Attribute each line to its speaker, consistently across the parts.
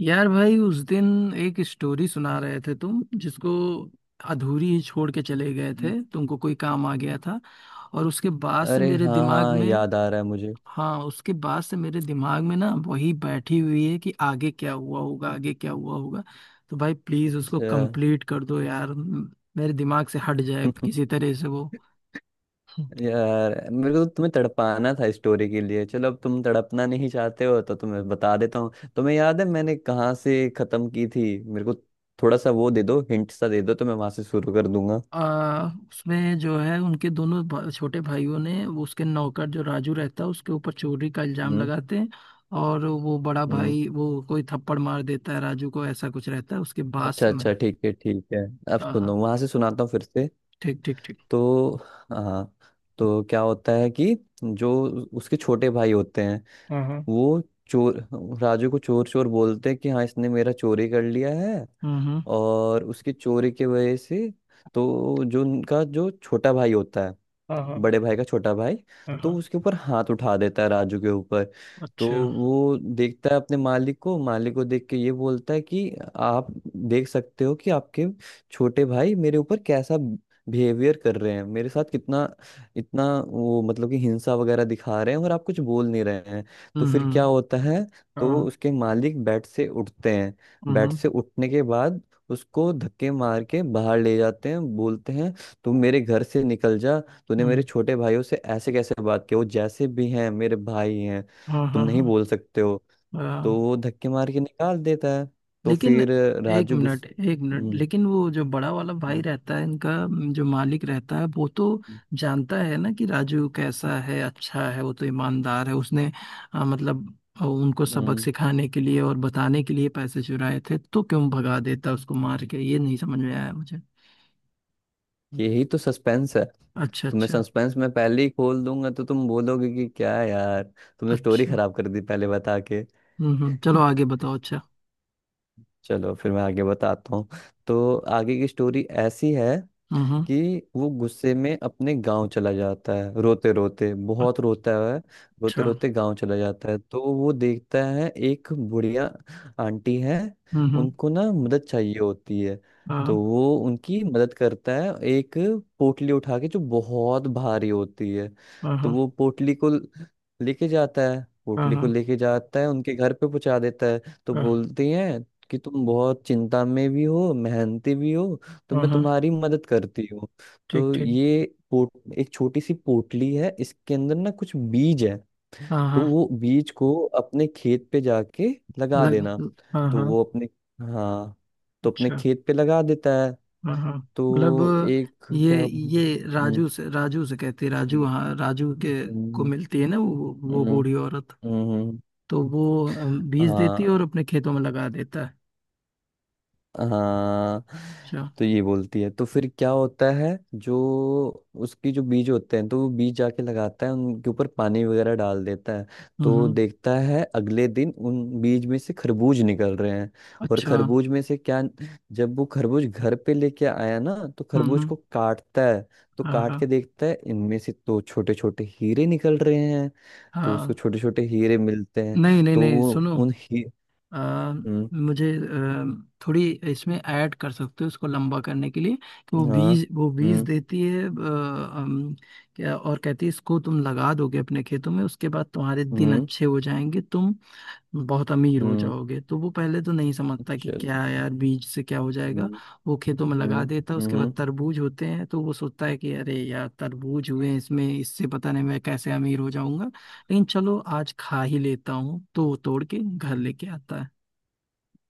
Speaker 1: यार भाई उस दिन एक स्टोरी सुना रहे थे तुम, जिसको अधूरी ही छोड़ के चले गए थे।
Speaker 2: हम्म,
Speaker 1: तुमको कोई काम आ गया था, और उसके बाद से
Speaker 2: अरे
Speaker 1: मेरे
Speaker 2: हाँ
Speaker 1: दिमाग
Speaker 2: हाँ,
Speaker 1: में।
Speaker 2: याद आ रहा है मुझे।
Speaker 1: हाँ, उसके बाद से मेरे दिमाग में ना वही बैठी हुई है कि आगे क्या हुआ होगा, आगे क्या हुआ होगा। तो भाई प्लीज उसको
Speaker 2: अच्छा।
Speaker 1: कंप्लीट कर दो यार। मेरे दिमाग से हट जाए किसी तरह से वो।
Speaker 2: यार मेरे को तो तुम्हें तड़पाना था स्टोरी के लिए। चलो, अब तुम तड़पना नहीं चाहते हो तो तुम्हें बता देता हूँ। तुम्हें याद है मैंने कहाँ से खत्म की थी? मेरे को थोड़ा सा वो दे दो, हिंट सा दे दो तो मैं वहां से शुरू कर दूंगा।
Speaker 1: उसमें जो है, उनके दोनों छोटे भाइयों ने वो उसके नौकर जो राजू रहता है उसके ऊपर चोरी का इल्जाम
Speaker 2: हम्म
Speaker 1: लगाते हैं। और वो बड़ा
Speaker 2: हम्म
Speaker 1: भाई वो कोई थप्पड़ मार देता है राजू को, ऐसा कुछ रहता है। उसके बाद
Speaker 2: अच्छा
Speaker 1: से मैं।
Speaker 2: अच्छा, ठीक है ठीक है। अब
Speaker 1: हाँ हाँ।
Speaker 2: सुनो, वहां से सुनाता हूँ फिर से।
Speaker 1: ठीक ठीक ठीक।
Speaker 2: तो हाँ, तो क्या होता है कि जो उसके छोटे भाई होते हैं,
Speaker 1: हाँ हाँ।
Speaker 2: वो चोर राजू को चोर चोर बोलते हैं कि हाँ, इसने मेरा चोरी कर लिया है।
Speaker 1: हम्म।
Speaker 2: और उसकी चोरी की वजह से, तो जो उनका जो छोटा भाई होता है,
Speaker 1: हाँ हाँ
Speaker 2: बड़े भाई का छोटा भाई,
Speaker 1: हाँ
Speaker 2: तो
Speaker 1: हाँ।
Speaker 2: उसके ऊपर हाथ उठा देता है, राजू के ऊपर। तो
Speaker 1: अच्छा।
Speaker 2: वो देखता है अपने मालिक को, मालिक को देख के ये बोलता है कि आप देख सकते हो कि आपके छोटे भाई मेरे ऊपर कैसा बिहेवियर कर रहे हैं, मेरे साथ कितना इतना वो मतलब कि हिंसा वगैरह दिखा रहे हैं और आप कुछ बोल नहीं रहे हैं। तो फिर क्या
Speaker 1: हम्म।
Speaker 2: होता है, तो
Speaker 1: हाँ,
Speaker 2: उसके मालिक बेड से उठते हैं। बेड
Speaker 1: हम्म।
Speaker 2: से उठने के बाद उसको धक्के मार के बाहर ले जाते हैं, बोलते हैं तुम मेरे घर से निकल जा, तूने मेरे
Speaker 1: हम्म,
Speaker 2: छोटे भाइयों से ऐसे कैसे बात की, वो जैसे भी हैं मेरे भाई हैं,
Speaker 1: हाँ
Speaker 2: तुम
Speaker 1: हाँ
Speaker 2: नहीं
Speaker 1: हाँ
Speaker 2: बोल सकते हो। तो
Speaker 1: हाँ।
Speaker 2: वो धक्के मार के निकाल देता है। तो
Speaker 1: लेकिन
Speaker 2: फिर
Speaker 1: एक
Speaker 2: राजू
Speaker 1: मिनट
Speaker 2: गुस्सा।
Speaker 1: एक मिनट,
Speaker 2: हम्म
Speaker 1: लेकिन वो जो बड़ा वाला भाई
Speaker 2: हम्म,
Speaker 1: रहता है इनका, जो मालिक रहता है, वो तो
Speaker 2: हम्म,
Speaker 1: जानता है ना कि राजू कैसा है, अच्छा है वो तो, ईमानदार है। उसने मतलब उनको सबक
Speaker 2: हम्म।
Speaker 1: सिखाने के लिए और बताने के लिए पैसे चुराए थे, तो क्यों भगा देता उसको मार
Speaker 2: हम्म।
Speaker 1: के, ये नहीं समझ में आया मुझे।
Speaker 2: यही तो सस्पेंस है।
Speaker 1: अच्छा
Speaker 2: तुम्हें
Speaker 1: अच्छा
Speaker 2: सस्पेंस मैं पहले ही खोल दूंगा तो तुम बोलोगे कि क्या यार, तुमने स्टोरी
Speaker 1: अच्छा।
Speaker 2: खराब कर दी पहले बता के।
Speaker 1: हम्म, चलो आगे बताओ। अच्छा।
Speaker 2: चलो फिर मैं आगे बताता हूँ। तो आगे की स्टोरी ऐसी है
Speaker 1: हम्म।
Speaker 2: कि वो गुस्से में अपने गांव चला जाता है, रोते रोते बहुत रोता है। रोते
Speaker 1: अच्छा।
Speaker 2: रोते गांव चला जाता है तो वो देखता है एक बुढ़िया आंटी है।
Speaker 1: हम्म।
Speaker 2: उनको ना मदद चाहिए होती है, तो
Speaker 1: हाँ
Speaker 2: वो उनकी मदद करता है, एक पोटली उठा के जो बहुत भारी होती है।
Speaker 1: हाँ
Speaker 2: तो वो
Speaker 1: हाँ
Speaker 2: पोटली को लेके जाता है,
Speaker 1: हाँ
Speaker 2: पोटली को
Speaker 1: हाँ
Speaker 2: लेके जाता है उनके घर पे पहुंचा देता है। तो बोलती हैं कि तुम बहुत चिंता में भी हो, मेहनती भी हो, तो
Speaker 1: हाँ
Speaker 2: मैं
Speaker 1: हाँ,
Speaker 2: तुम्हारी मदद करती हूँ।
Speaker 1: ठीक
Speaker 2: तो
Speaker 1: ठीक।
Speaker 2: ये पोट, एक छोटी सी पोटली है, इसके अंदर ना कुछ बीज है,
Speaker 1: हाँ
Speaker 2: तो
Speaker 1: हाँ।
Speaker 2: वो बीज को अपने खेत पे जाके लगा
Speaker 1: लग
Speaker 2: देना।
Speaker 1: हाँ
Speaker 2: तो
Speaker 1: हाँ।
Speaker 2: वो अपने, हाँ, तो अपने
Speaker 1: अच्छा।
Speaker 2: खेत पे लगा देता है।
Speaker 1: हाँ हाँ।
Speaker 2: तो
Speaker 1: मतलब
Speaker 2: एक
Speaker 1: ये
Speaker 2: क्या।
Speaker 1: ये राजू से कहती है, राजू,
Speaker 2: हम्म,
Speaker 1: हाँ राजू के को
Speaker 2: हम्म,
Speaker 1: मिलती है ना वो
Speaker 2: हम्म,
Speaker 1: बूढ़ी औरत।
Speaker 2: हम्म,
Speaker 1: तो वो बीज देती है
Speaker 2: हाँ
Speaker 1: और अपने खेतों में लगा देता है।
Speaker 2: हाँ,
Speaker 1: अच्छा।
Speaker 2: तो ये बोलती है। तो फिर क्या होता है, जो उसकी जो बीज होते हैं तो वो बीज जाके लगाता है, उनके ऊपर पानी वगैरह डाल देता है।
Speaker 1: हम्म
Speaker 2: तो
Speaker 1: हम्म,
Speaker 2: देखता है अगले दिन उन बीज में से खरबूज निकल रहे हैं। और
Speaker 1: अच्छा।
Speaker 2: खरबूज में से क्या, जब वो खरबूज घर पे लेके आया ना तो खरबूज
Speaker 1: हम्म।
Speaker 2: को काटता है। तो
Speaker 1: हाँ
Speaker 2: काट
Speaker 1: हाँ
Speaker 2: के देखता है इनमें से तो छोटे छोटे हीरे निकल रहे हैं। तो उसको
Speaker 1: हाँ।
Speaker 2: छोटे छोटे हीरे मिलते हैं।
Speaker 1: नहीं नहीं
Speaker 2: तो
Speaker 1: नहीं
Speaker 2: वो
Speaker 1: सुनो।
Speaker 2: उन ही।
Speaker 1: अ,
Speaker 2: हम्म
Speaker 1: मुझे थोड़ी इसमें ऐड कर सकते हो उसको लंबा करने के लिए, कि वो
Speaker 2: हाँ।
Speaker 1: बीज वो बीज
Speaker 2: हम्म
Speaker 1: देती है क्या, और कहती है इसको तुम लगा दोगे अपने खेतों में, उसके बाद तुम्हारे दिन
Speaker 2: हम्म
Speaker 1: अच्छे हो जाएंगे, तुम बहुत अमीर हो
Speaker 2: हम्म
Speaker 1: जाओगे। तो वो पहले तो नहीं समझता कि
Speaker 2: चलो।
Speaker 1: क्या यार बीज से क्या हो जाएगा।
Speaker 2: हम्म
Speaker 1: वो खेतों में लगा
Speaker 2: हम्म
Speaker 1: देता है, उसके
Speaker 2: हम्म,
Speaker 1: बाद तरबूज होते हैं। तो वो सोचता है कि अरे यार तरबूज हुए हैं इसमें, इससे पता नहीं मैं कैसे अमीर हो जाऊंगा, लेकिन चलो आज खा ही लेता हूँ। तो वो तोड़ के घर लेके आता है,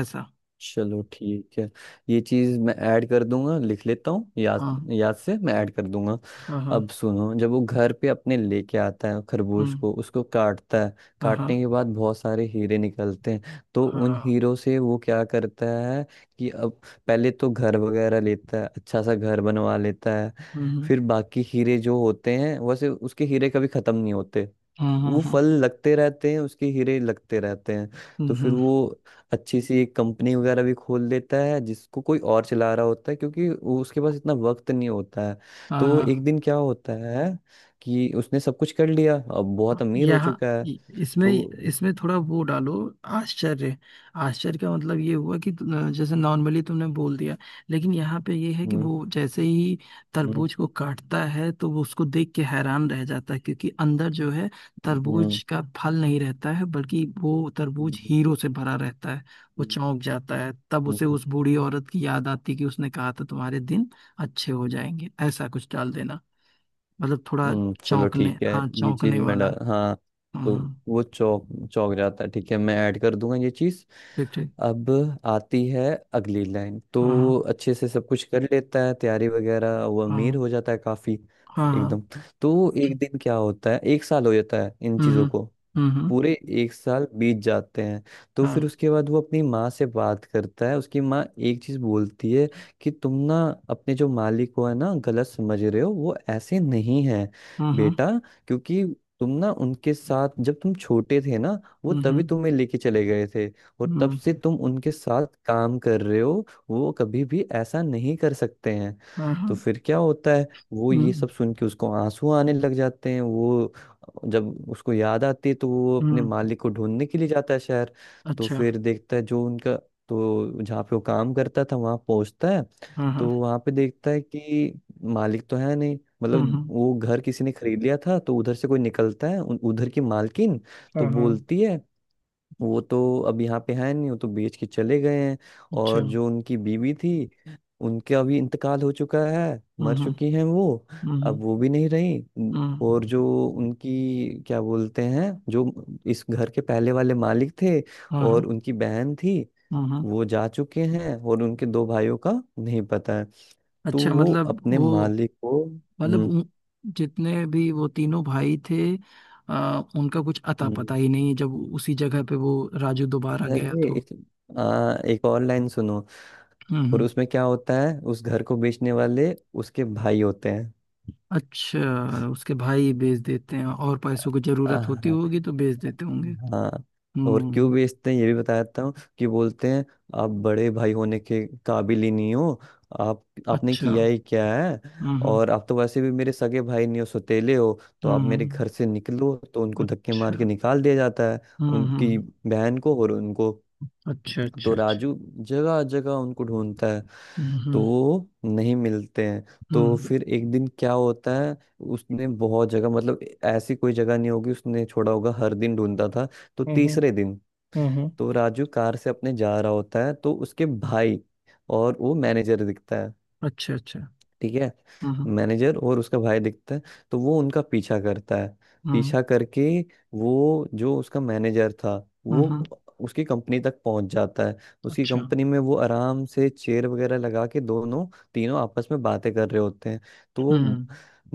Speaker 1: ऐसा।
Speaker 2: चलो ठीक है, ये चीज़ मैं ऐड कर दूंगा, लिख लेता हूँ, याद
Speaker 1: हाँ
Speaker 2: याद से मैं ऐड कर दूंगा।
Speaker 1: हाँ हाँ।
Speaker 2: अब सुनो, जब वो घर पे अपने लेके आता है खरगोश
Speaker 1: हम्म।
Speaker 2: को, उसको काटता है।
Speaker 1: हाँ हाँ
Speaker 2: काटने के बाद बहुत सारे हीरे निकलते हैं, तो उन
Speaker 1: हाँ।
Speaker 2: हीरो से वो क्या करता है कि अब पहले तो घर वगैरह लेता है, अच्छा सा घर बनवा लेता है।
Speaker 1: हम्म
Speaker 2: फिर बाकी हीरे जो होते हैं, वैसे उसके हीरे कभी ख़त्म नहीं होते,
Speaker 1: हम्म।
Speaker 2: वो फल लगते रहते हैं, उसके हीरे लगते रहते हैं। तो
Speaker 1: हम्म।
Speaker 2: फिर वो अच्छी सी एक कंपनी वगैरह भी खोल देता है जिसको कोई और चला रहा होता है, क्योंकि उसके पास इतना वक्त नहीं होता है।
Speaker 1: हाँ
Speaker 2: तो वो एक
Speaker 1: हाँ।
Speaker 2: दिन क्या होता है कि उसने सब कुछ कर लिया, अब बहुत
Speaker 1: हाँ,
Speaker 2: अमीर हो
Speaker 1: यहाँ
Speaker 2: चुका है।
Speaker 1: इसमें
Speaker 2: तो।
Speaker 1: इसमें थोड़ा वो डालो, आश्चर्य। आश्चर्य का मतलब ये हुआ कि जैसे नॉर्मली तुमने बोल दिया, लेकिन यहाँ पे ये है कि
Speaker 2: हम्म
Speaker 1: वो जैसे ही
Speaker 2: हम्म
Speaker 1: तरबूज को काटता है, तो वो उसको देख के हैरान रह जाता है, क्योंकि अंदर जो है
Speaker 2: हम्म हम्म, हम्म,
Speaker 1: तरबूज का फल नहीं रहता है, बल्कि वो तरबूज
Speaker 2: हम्म,
Speaker 1: हीरो से भरा रहता है। वो
Speaker 2: हम्म,
Speaker 1: चौंक जाता है, तब उसे
Speaker 2: हम्म।
Speaker 1: उस बूढ़ी औरत की याद आती कि उसने कहा था तुम्हारे दिन अच्छे हो जाएंगे, ऐसा कुछ डाल देना। मतलब थोड़ा
Speaker 2: चलो
Speaker 1: चौंकने,
Speaker 2: ठीक है,
Speaker 1: हाँ
Speaker 2: ये चीज
Speaker 1: चौंकने
Speaker 2: मैं
Speaker 1: वाला।
Speaker 2: डा हाँ।
Speaker 1: हाँ
Speaker 2: तो
Speaker 1: हाँ।
Speaker 2: वो चौक, चौक जाता है। ठीक है, मैं ऐड कर दूंगा ये चीज।
Speaker 1: ठीक ठीक।
Speaker 2: अब आती है अगली लाइन,
Speaker 1: हाँ हाँ
Speaker 2: तो अच्छे से सब कुछ कर लेता है, तैयारी वगैरह, वो अमीर
Speaker 1: हाँ
Speaker 2: हो जाता है काफी,
Speaker 1: हाँ हाँ।
Speaker 2: एकदम। तो एक दिन क्या होता है, एक साल हो जाता है इन चीजों
Speaker 1: हम्म।
Speaker 2: को,
Speaker 1: हम्म, हम्म,
Speaker 2: पूरे एक साल बीत जाते हैं। तो
Speaker 1: हाँ।
Speaker 2: फिर उसके बाद वो अपनी माँ से बात करता है। उसकी माँ एक चीज बोलती है कि तुम ना अपने जो मालिक को है ना, गलत समझ रहे हो, वो ऐसे नहीं है
Speaker 1: हम्म।
Speaker 2: बेटा। क्योंकि तुम ना उनके साथ जब तुम छोटे थे ना, वो
Speaker 1: हम्म
Speaker 2: तभी
Speaker 1: हम्म,
Speaker 2: तुम्हें लेके चले गए थे, और तब
Speaker 1: हम्म,
Speaker 2: से तुम उनके साथ काम कर रहे हो, वो कभी भी ऐसा नहीं कर सकते हैं।
Speaker 1: हाँ हाँ।
Speaker 2: तो फिर क्या होता है, वो ये
Speaker 1: हम्म।
Speaker 2: सब सुन के उसको आंसू आने लग जाते हैं। वो, जब उसको याद आती है, तो वो अपने
Speaker 1: हम्म,
Speaker 2: मालिक को ढूंढने के लिए जाता है शहर। तो
Speaker 1: अच्छा।
Speaker 2: फिर देखता है जो उनका, तो जहाँ पे वो काम करता था वहाँ पहुँचता है।
Speaker 1: हाँ
Speaker 2: तो
Speaker 1: हाँ।
Speaker 2: वहाँ पे देखता है कि मालिक तो है नहीं,
Speaker 1: हम्म
Speaker 2: मतलब
Speaker 1: हम्म,
Speaker 2: वो घर किसी ने खरीद लिया था। तो उधर से कोई निकलता है, उधर की मालकिन, तो
Speaker 1: हाँ हाँ।
Speaker 2: बोलती है वो तो अब यहाँ पे है नहीं, वो तो बेच के चले गए हैं।
Speaker 1: अच्छा।
Speaker 2: और जो उनकी बीवी थी, उनका भी इंतकाल हो चुका है, मर
Speaker 1: हम्म।
Speaker 2: चुकी हैं वो,
Speaker 1: हम्म
Speaker 2: अब वो भी नहीं रही।
Speaker 1: हम्म,
Speaker 2: और जो उनकी क्या बोलते हैं, जो इस घर के पहले वाले मालिक थे,
Speaker 1: हाँ हाँ।
Speaker 2: और उनकी बहन थी,
Speaker 1: हम्म हम्म।
Speaker 2: वो जा चुके हैं। और उनके दो भाइयों का नहीं पता है। तो
Speaker 1: अच्छा
Speaker 2: वो
Speaker 1: मतलब
Speaker 2: अपने
Speaker 1: वो,
Speaker 2: मालिक को।
Speaker 1: मतलब जितने भी वो तीनों भाई थे, उनका कुछ अता पता
Speaker 2: हम्म
Speaker 1: ही नहीं, जब उसी जगह पे वो राजू दोबारा गया
Speaker 2: अरे
Speaker 1: तो।
Speaker 2: एक और लाइन सुनो,
Speaker 1: हम्म
Speaker 2: और
Speaker 1: हम्म।
Speaker 2: उसमें क्या होता है, उस घर को बेचने वाले उसके भाई होते हैं।
Speaker 1: अच्छा, उसके भाई बेच देते हैं और पैसों की जरूरत होती
Speaker 2: हाँ
Speaker 1: होगी तो बेच देते होंगे।
Speaker 2: हाँ, और क्यों
Speaker 1: हम्म।
Speaker 2: बेचते हैं ये भी बताता हूँ, कि बोलते हैं आप बड़े भाई होने के काबिल ही नहीं हो, आप, आपने
Speaker 1: अच्छा।
Speaker 2: किया ही क्या है।
Speaker 1: हम्म।
Speaker 2: और आप तो वैसे भी मेरे सगे भाई नहीं हो, सौतेले हो, तो आप मेरे घर
Speaker 1: हम्म,
Speaker 2: से निकलो। तो उनको धक्के मार के
Speaker 1: अच्छा।
Speaker 2: निकाल दिया जाता है, उनकी
Speaker 1: हम्म।
Speaker 2: बहन को और उनको।
Speaker 1: अच्छा
Speaker 2: तो
Speaker 1: अच्छा अच्छा।
Speaker 2: राजू जगह जगह उनको ढूंढता है, तो
Speaker 1: हम्म।
Speaker 2: वो नहीं मिलते हैं। तो
Speaker 1: हम्म
Speaker 2: फिर एक दिन क्या होता है, उसने बहुत जगह, मतलब ऐसी कोई जगह नहीं होगी उसने छोड़ा होगा, हर दिन ढूंढता था। तो
Speaker 1: हम्म।
Speaker 2: तीसरे दिन,
Speaker 1: हम्म, हम्म,
Speaker 2: तो राजू कार से अपने जा रहा होता है, तो उसके भाई और वो मैनेजर दिखता है।
Speaker 1: अच्छा अच्छा।
Speaker 2: ठीक है,
Speaker 1: हम्म।
Speaker 2: मैनेजर और उसका भाई दिखता है, तो वो उनका पीछा करता है।
Speaker 1: हम्म
Speaker 2: पीछा करके, वो जो उसका मैनेजर था,
Speaker 1: हम्म,
Speaker 2: वो
Speaker 1: हम्म,
Speaker 2: उसकी कंपनी तक पहुंच जाता है। उसकी
Speaker 1: अच्छा।
Speaker 2: कंपनी में वो आराम से चेयर वगैरह लगा के दोनों तीनों आपस में बातें कर रहे होते हैं। तो वो
Speaker 1: हम्म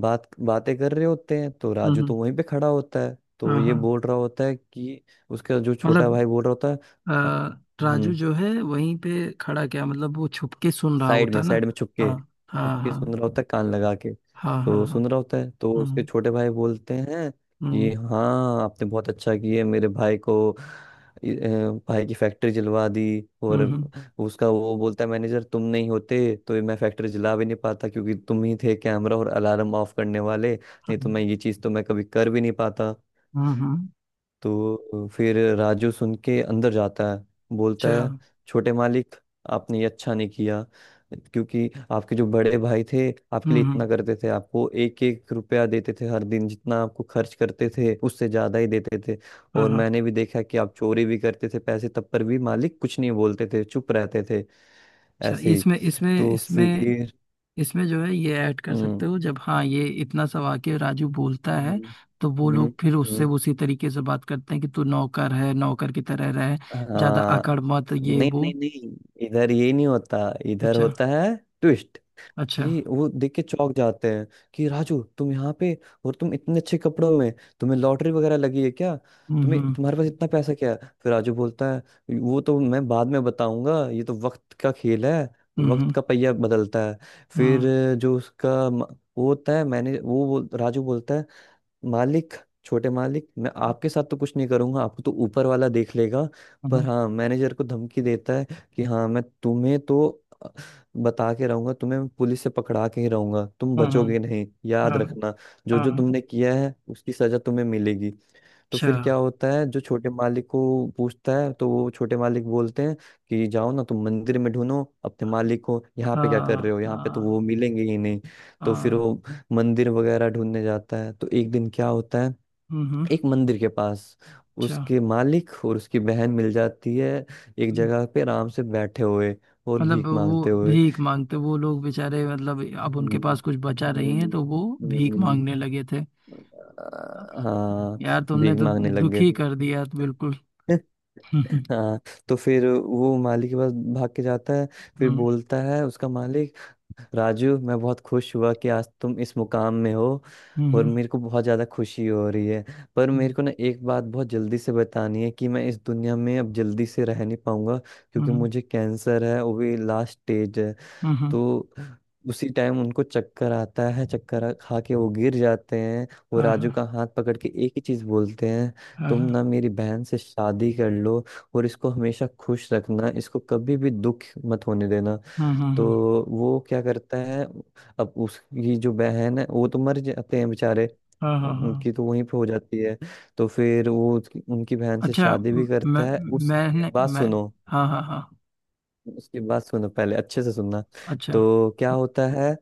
Speaker 2: बातें कर रहे होते हैं। तो
Speaker 1: हम्म।
Speaker 2: राजू तो वहीं पे खड़ा होता है, तो
Speaker 1: हाँ
Speaker 2: ये
Speaker 1: हाँ।
Speaker 2: बोल रहा होता है कि, उसका जो छोटा
Speaker 1: मतलब
Speaker 2: भाई बोल रहा होता है "अ-
Speaker 1: अ, राजू
Speaker 2: हम्म
Speaker 1: जो है वहीं पे खड़ा, क्या मतलब वो छुप के सुन रहा होता ना।
Speaker 2: साइड में छुपके
Speaker 1: हाँ हाँ
Speaker 2: छुपके सुन रहा
Speaker 1: हाँ
Speaker 2: होता है कान लगा के।
Speaker 1: हाँ हाँ
Speaker 2: तो
Speaker 1: हाँ।
Speaker 2: सुन रहा होता है, तो उसके
Speaker 1: हम्म
Speaker 2: छोटे भाई बोलते हैं
Speaker 1: हम्म।
Speaker 2: कि हाँ आपने बहुत अच्छा किया, मेरे भाई को इ- अ, भाई की फैक्ट्री जलवा दी। और
Speaker 1: हम्म
Speaker 2: उसका वो बोलता है, मैनेजर तुम नहीं होते तो ये मैं फैक्ट्री जला भी नहीं पाता, क्योंकि तुम ही थे कैमरा और अलार्म ऑफ करने वाले, नहीं तो
Speaker 1: हम्म,
Speaker 2: मैं ये चीज़ तो मैं कभी कर भी नहीं पाता।
Speaker 1: हम्म हम्म,
Speaker 2: तो फिर राजू सुन के अंदर जाता है, बोलता
Speaker 1: अच्छा।
Speaker 2: है छोटे मालिक, आपने ये अच्छा नहीं किया। क्योंकि आपके जो बड़े भाई थे, आपके लिए
Speaker 1: हम्म,
Speaker 2: इतना करते थे, आपको एक एक रुपया देते थे हर दिन, जितना आपको खर्च करते थे उससे ज़्यादा ही देते थे।
Speaker 1: हाँ
Speaker 2: और
Speaker 1: हाँ।
Speaker 2: मैंने भी देखा कि आप चोरी भी करते थे पैसे, तब पर भी मालिक कुछ नहीं बोलते थे, चुप रहते थे
Speaker 1: अच्छा,
Speaker 2: ऐसे ही।
Speaker 1: इसमें इसमें
Speaker 2: तो
Speaker 1: इसमें
Speaker 2: फिर।
Speaker 1: इसमें जो है ये ऐड कर
Speaker 2: हम्म
Speaker 1: सकते हो, जब हाँ ये इतना सा वाक्य राजू बोलता है,
Speaker 2: हम्म
Speaker 1: तो वो
Speaker 2: हम्म
Speaker 1: लोग फिर उससे
Speaker 2: हम्म।
Speaker 1: उसी तरीके से बात करते हैं कि तू नौकर है नौकर की तरह रहे, ज्यादा
Speaker 2: हाँ,
Speaker 1: अकड़ मत, ये
Speaker 2: नहीं
Speaker 1: वो।
Speaker 2: नहीं नहीं, इधर ये नहीं होता, इधर
Speaker 1: अच्छा
Speaker 2: होता है ट्विस्ट,
Speaker 1: अच्छा।
Speaker 2: कि वो देख के चौंक जाते हैं कि राजू तुम यहाँ पे, और तुम इतने अच्छे कपड़ों में, तुम्हें लॉटरी वगैरह लगी है क्या?
Speaker 1: हम्म
Speaker 2: तुम्हें,
Speaker 1: हम्म
Speaker 2: तुम्हारे पास इतना पैसा क्या है? फिर राजू बोलता है, वो तो मैं बाद में बताऊंगा, ये तो वक्त का खेल है, वक्त
Speaker 1: हम्म
Speaker 2: का पहिया बदलता है। फिर
Speaker 1: हम्म
Speaker 2: जो उसका वो होता है, मैंने वो बोल, राजू बोलता है मालिक, छोटे मालिक, मैं आपके साथ तो कुछ नहीं करूंगा, आपको तो ऊपर वाला देख लेगा।
Speaker 1: हम्म।
Speaker 2: पर हाँ, मैनेजर को धमकी देता है कि हाँ, मैं तुम्हें तो अ, बता के रहूंगा, तुम्हें मैं पुलिस से पकड़ा के ही रहूंगा, तुम
Speaker 1: हम्म, हम्म,
Speaker 2: बचोगे
Speaker 1: हम्म,
Speaker 2: नहीं, याद
Speaker 1: हाँ।
Speaker 2: रखना। जो
Speaker 1: हाँ
Speaker 2: जो
Speaker 1: हाँ,
Speaker 2: तुमने किया है उसकी सजा तुम्हें मिलेगी। तो
Speaker 1: अच्छा।
Speaker 2: फिर क्या होता है, जो छोटे मालिक को पूछता है, तो वो छोटे मालिक बोलते हैं कि जाओ ना तुम मंदिर में ढूंढो अपने मालिक को, यहाँ पे क्या कर रहे
Speaker 1: हाँ
Speaker 2: हो, यहाँ पे तो वो
Speaker 1: हाँ
Speaker 2: मिलेंगे ही नहीं। तो फिर
Speaker 1: हाँ,
Speaker 2: वो मंदिर वगैरह ढूंढने जाता है, तो एक दिन क्या होता है,
Speaker 1: हम्म हम्म,
Speaker 2: एक मंदिर के पास
Speaker 1: अच्छा।
Speaker 2: उसके मालिक और उसकी बहन मिल जाती है, एक
Speaker 1: हम्म,
Speaker 2: जगह पे आराम से बैठे हुए, और
Speaker 1: मतलब
Speaker 2: भीख
Speaker 1: वो
Speaker 2: मांगते हुए।
Speaker 1: भीख मांगते, वो लोग बेचारे, मतलब अब
Speaker 2: हम्म
Speaker 1: उनके पास कुछ बचा नहीं है
Speaker 2: हम्म
Speaker 1: तो वो भीख
Speaker 2: हम्म,
Speaker 1: मांगने लगे थे।
Speaker 2: हाँ,
Speaker 1: यार तुमने
Speaker 2: भीख
Speaker 1: तो
Speaker 2: मांगने लग गए
Speaker 1: दुखी
Speaker 2: थे।
Speaker 1: कर दिया तो बिल्कुल। हम्म।
Speaker 2: हाँ, तो फिर वो माली के पास भाग के जाता है, फिर बोलता है उसका मालिक, राजू मैं बहुत खुश हुआ कि आज तुम इस मुकाम में हो, और
Speaker 1: हम्म
Speaker 2: मेरे को बहुत ज़्यादा खुशी हो रही है। पर मेरे
Speaker 1: हम्म
Speaker 2: को ना एक बात बहुत जल्दी से बतानी है, कि मैं इस दुनिया में अब जल्दी से रह नहीं पाऊंगा, क्योंकि
Speaker 1: हम्म
Speaker 2: मुझे कैंसर है, वो भी लास्ट स्टेज है।
Speaker 1: हम्म।
Speaker 2: तो उसी टाइम उनको चक्कर आता है, खा के वो गिर जाते हैं। वो
Speaker 1: हाँ हाँ
Speaker 2: राजू का हाथ पकड़ के एक ही चीज बोलते हैं,
Speaker 1: हाँ हाँ
Speaker 2: तुम ना
Speaker 1: हाँ।
Speaker 2: मेरी बहन से शादी कर लो, और इसको हमेशा खुश रखना, इसको कभी भी दुख मत होने देना।
Speaker 1: हम्म, हम्म,
Speaker 2: तो
Speaker 1: हम्म,
Speaker 2: वो क्या करता है, अब उसकी जो बहन है, वो तो मर जाते हैं बेचारे,
Speaker 1: हाँ हाँ हाँ।
Speaker 2: उनकी तो वहीं पे हो जाती है। तो फिर वो उनकी बहन से
Speaker 1: अच्छा
Speaker 2: शादी भी
Speaker 1: म- मैं
Speaker 2: करता है। उसके
Speaker 1: मैंने
Speaker 2: बाद
Speaker 1: मैं
Speaker 2: सुनो,
Speaker 1: हाँ हाँ हाँ।
Speaker 2: उसकी बात सुनो पहले अच्छे से सुनना।
Speaker 1: अच्छा।
Speaker 2: तो क्या होता है,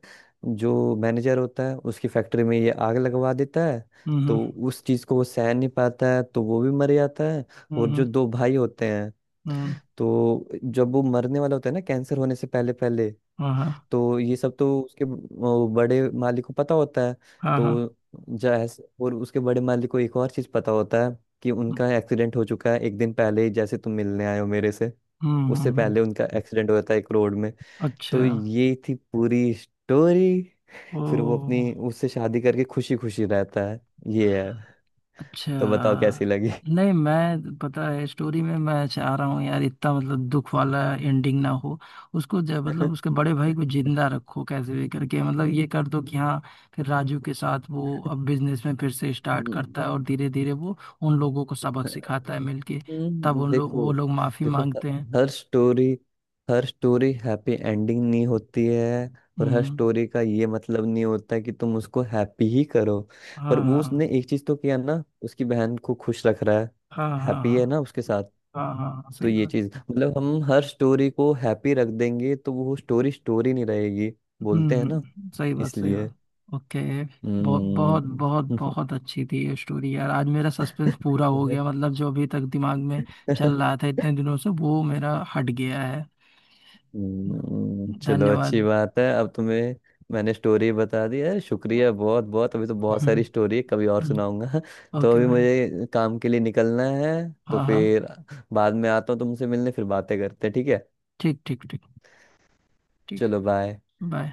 Speaker 2: जो मैनेजर होता है उसकी फैक्ट्री में ये आग लगवा देता है, तो
Speaker 1: हम्म।
Speaker 2: उस चीज को वो सह नहीं पाता है, तो वो भी मर जाता है।
Speaker 1: हम्म
Speaker 2: और जो
Speaker 1: हम्म,
Speaker 2: दो भाई होते हैं,
Speaker 1: हम्म,
Speaker 2: तो जब वो मरने वाला होता है ना, कैंसर होने से पहले पहले,
Speaker 1: हाँ हाँ
Speaker 2: तो ये सब तो उसके वो बड़े मालिक को पता होता है।
Speaker 1: हाँ हाँ।
Speaker 2: तो जैसे, और उसके बड़े मालिक को एक और चीज पता होता है कि
Speaker 1: हम्म
Speaker 2: उनका एक्सीडेंट हो चुका है एक दिन पहले ही, जैसे तुम मिलने आए हो मेरे से,
Speaker 1: हम्म।
Speaker 2: उससे पहले उनका एक्सीडेंट हो जाता है एक रोड में। तो
Speaker 1: अच्छा।
Speaker 2: ये थी पूरी स्टोरी, फिर वो
Speaker 1: ओ।
Speaker 2: अपनी उससे शादी करके खुशी खुशी रहता है। ये है,
Speaker 1: अच्छा,
Speaker 2: तो बताओ कैसी लगी।
Speaker 1: नहीं मैं पता है स्टोरी में मैं चाह रहा हूँ यार, इतना मतलब दुख वाला एंडिंग ना हो। उसको मतलब उसके बड़े भाई को जिंदा रखो कैसे भी करके, मतलब ये कर दो कि हाँ फिर राजू के साथ वो अब बिजनेस में फिर से स्टार्ट करता है, और
Speaker 2: हम्म,
Speaker 1: धीरे धीरे वो उन लोगों को सबक सिखाता है मिलके, तब उन लोग
Speaker 2: देखो,
Speaker 1: वो लोग माफी
Speaker 2: देखो ह-
Speaker 1: मांगते हैं।
Speaker 2: हर स्टोरी, हर स्टोरी हैप्पी एंडिंग नहीं होती है। और हर
Speaker 1: हम्म।
Speaker 2: स्टोरी का ये मतलब नहीं होता है कि तुम उसको हैप्पी ही करो। पर
Speaker 1: हाँ
Speaker 2: वो उसने
Speaker 1: हाँ
Speaker 2: एक चीज तो किया ना, उसकी बहन को खुश रख रहा है,
Speaker 1: हाँ हाँ
Speaker 2: हैप्पी
Speaker 1: हाँ
Speaker 2: है ना उसके साथ।
Speaker 1: हाँ। हाँ हाँ,
Speaker 2: तो
Speaker 1: सही
Speaker 2: ये
Speaker 1: बात।
Speaker 2: चीज, मतलब हम हर स्टोरी को हैप्पी रख देंगे तो वो स्टोरी स्टोरी नहीं रहेगी, बोलते हैं ना,
Speaker 1: हम्म, सही बात सही
Speaker 2: इसलिए।
Speaker 1: बात। ओके। बहुत
Speaker 2: हम्म।
Speaker 1: बहुत बहुत बहुत अच्छी थी ये स्टोरी यार, आज मेरा सस्पेंस पूरा हो गया, मतलब जो अभी तक दिमाग में चल रहा था इतने दिनों से वो मेरा हट गया है।
Speaker 2: चलो अच्छी
Speaker 1: धन्यवाद।
Speaker 2: बात है, अब तुम्हें, मैंने स्टोरी बता दी है, शुक्रिया बहुत बहुत। अभी तो बहुत सारी
Speaker 1: हम्म।
Speaker 2: स्टोरी है, कभी और
Speaker 1: हम्म,
Speaker 2: सुनाऊंगा। तो
Speaker 1: ओके
Speaker 2: अभी
Speaker 1: भाई।
Speaker 2: मुझे काम के लिए निकलना है, तो
Speaker 1: हाँ हाँ।
Speaker 2: फिर बाद में आता हूँ तुमसे मिलने, फिर बातें करते हैं, ठीक है।
Speaker 1: ठीक ठीक ठीक। ठीक।
Speaker 2: चलो बाय।
Speaker 1: बाय।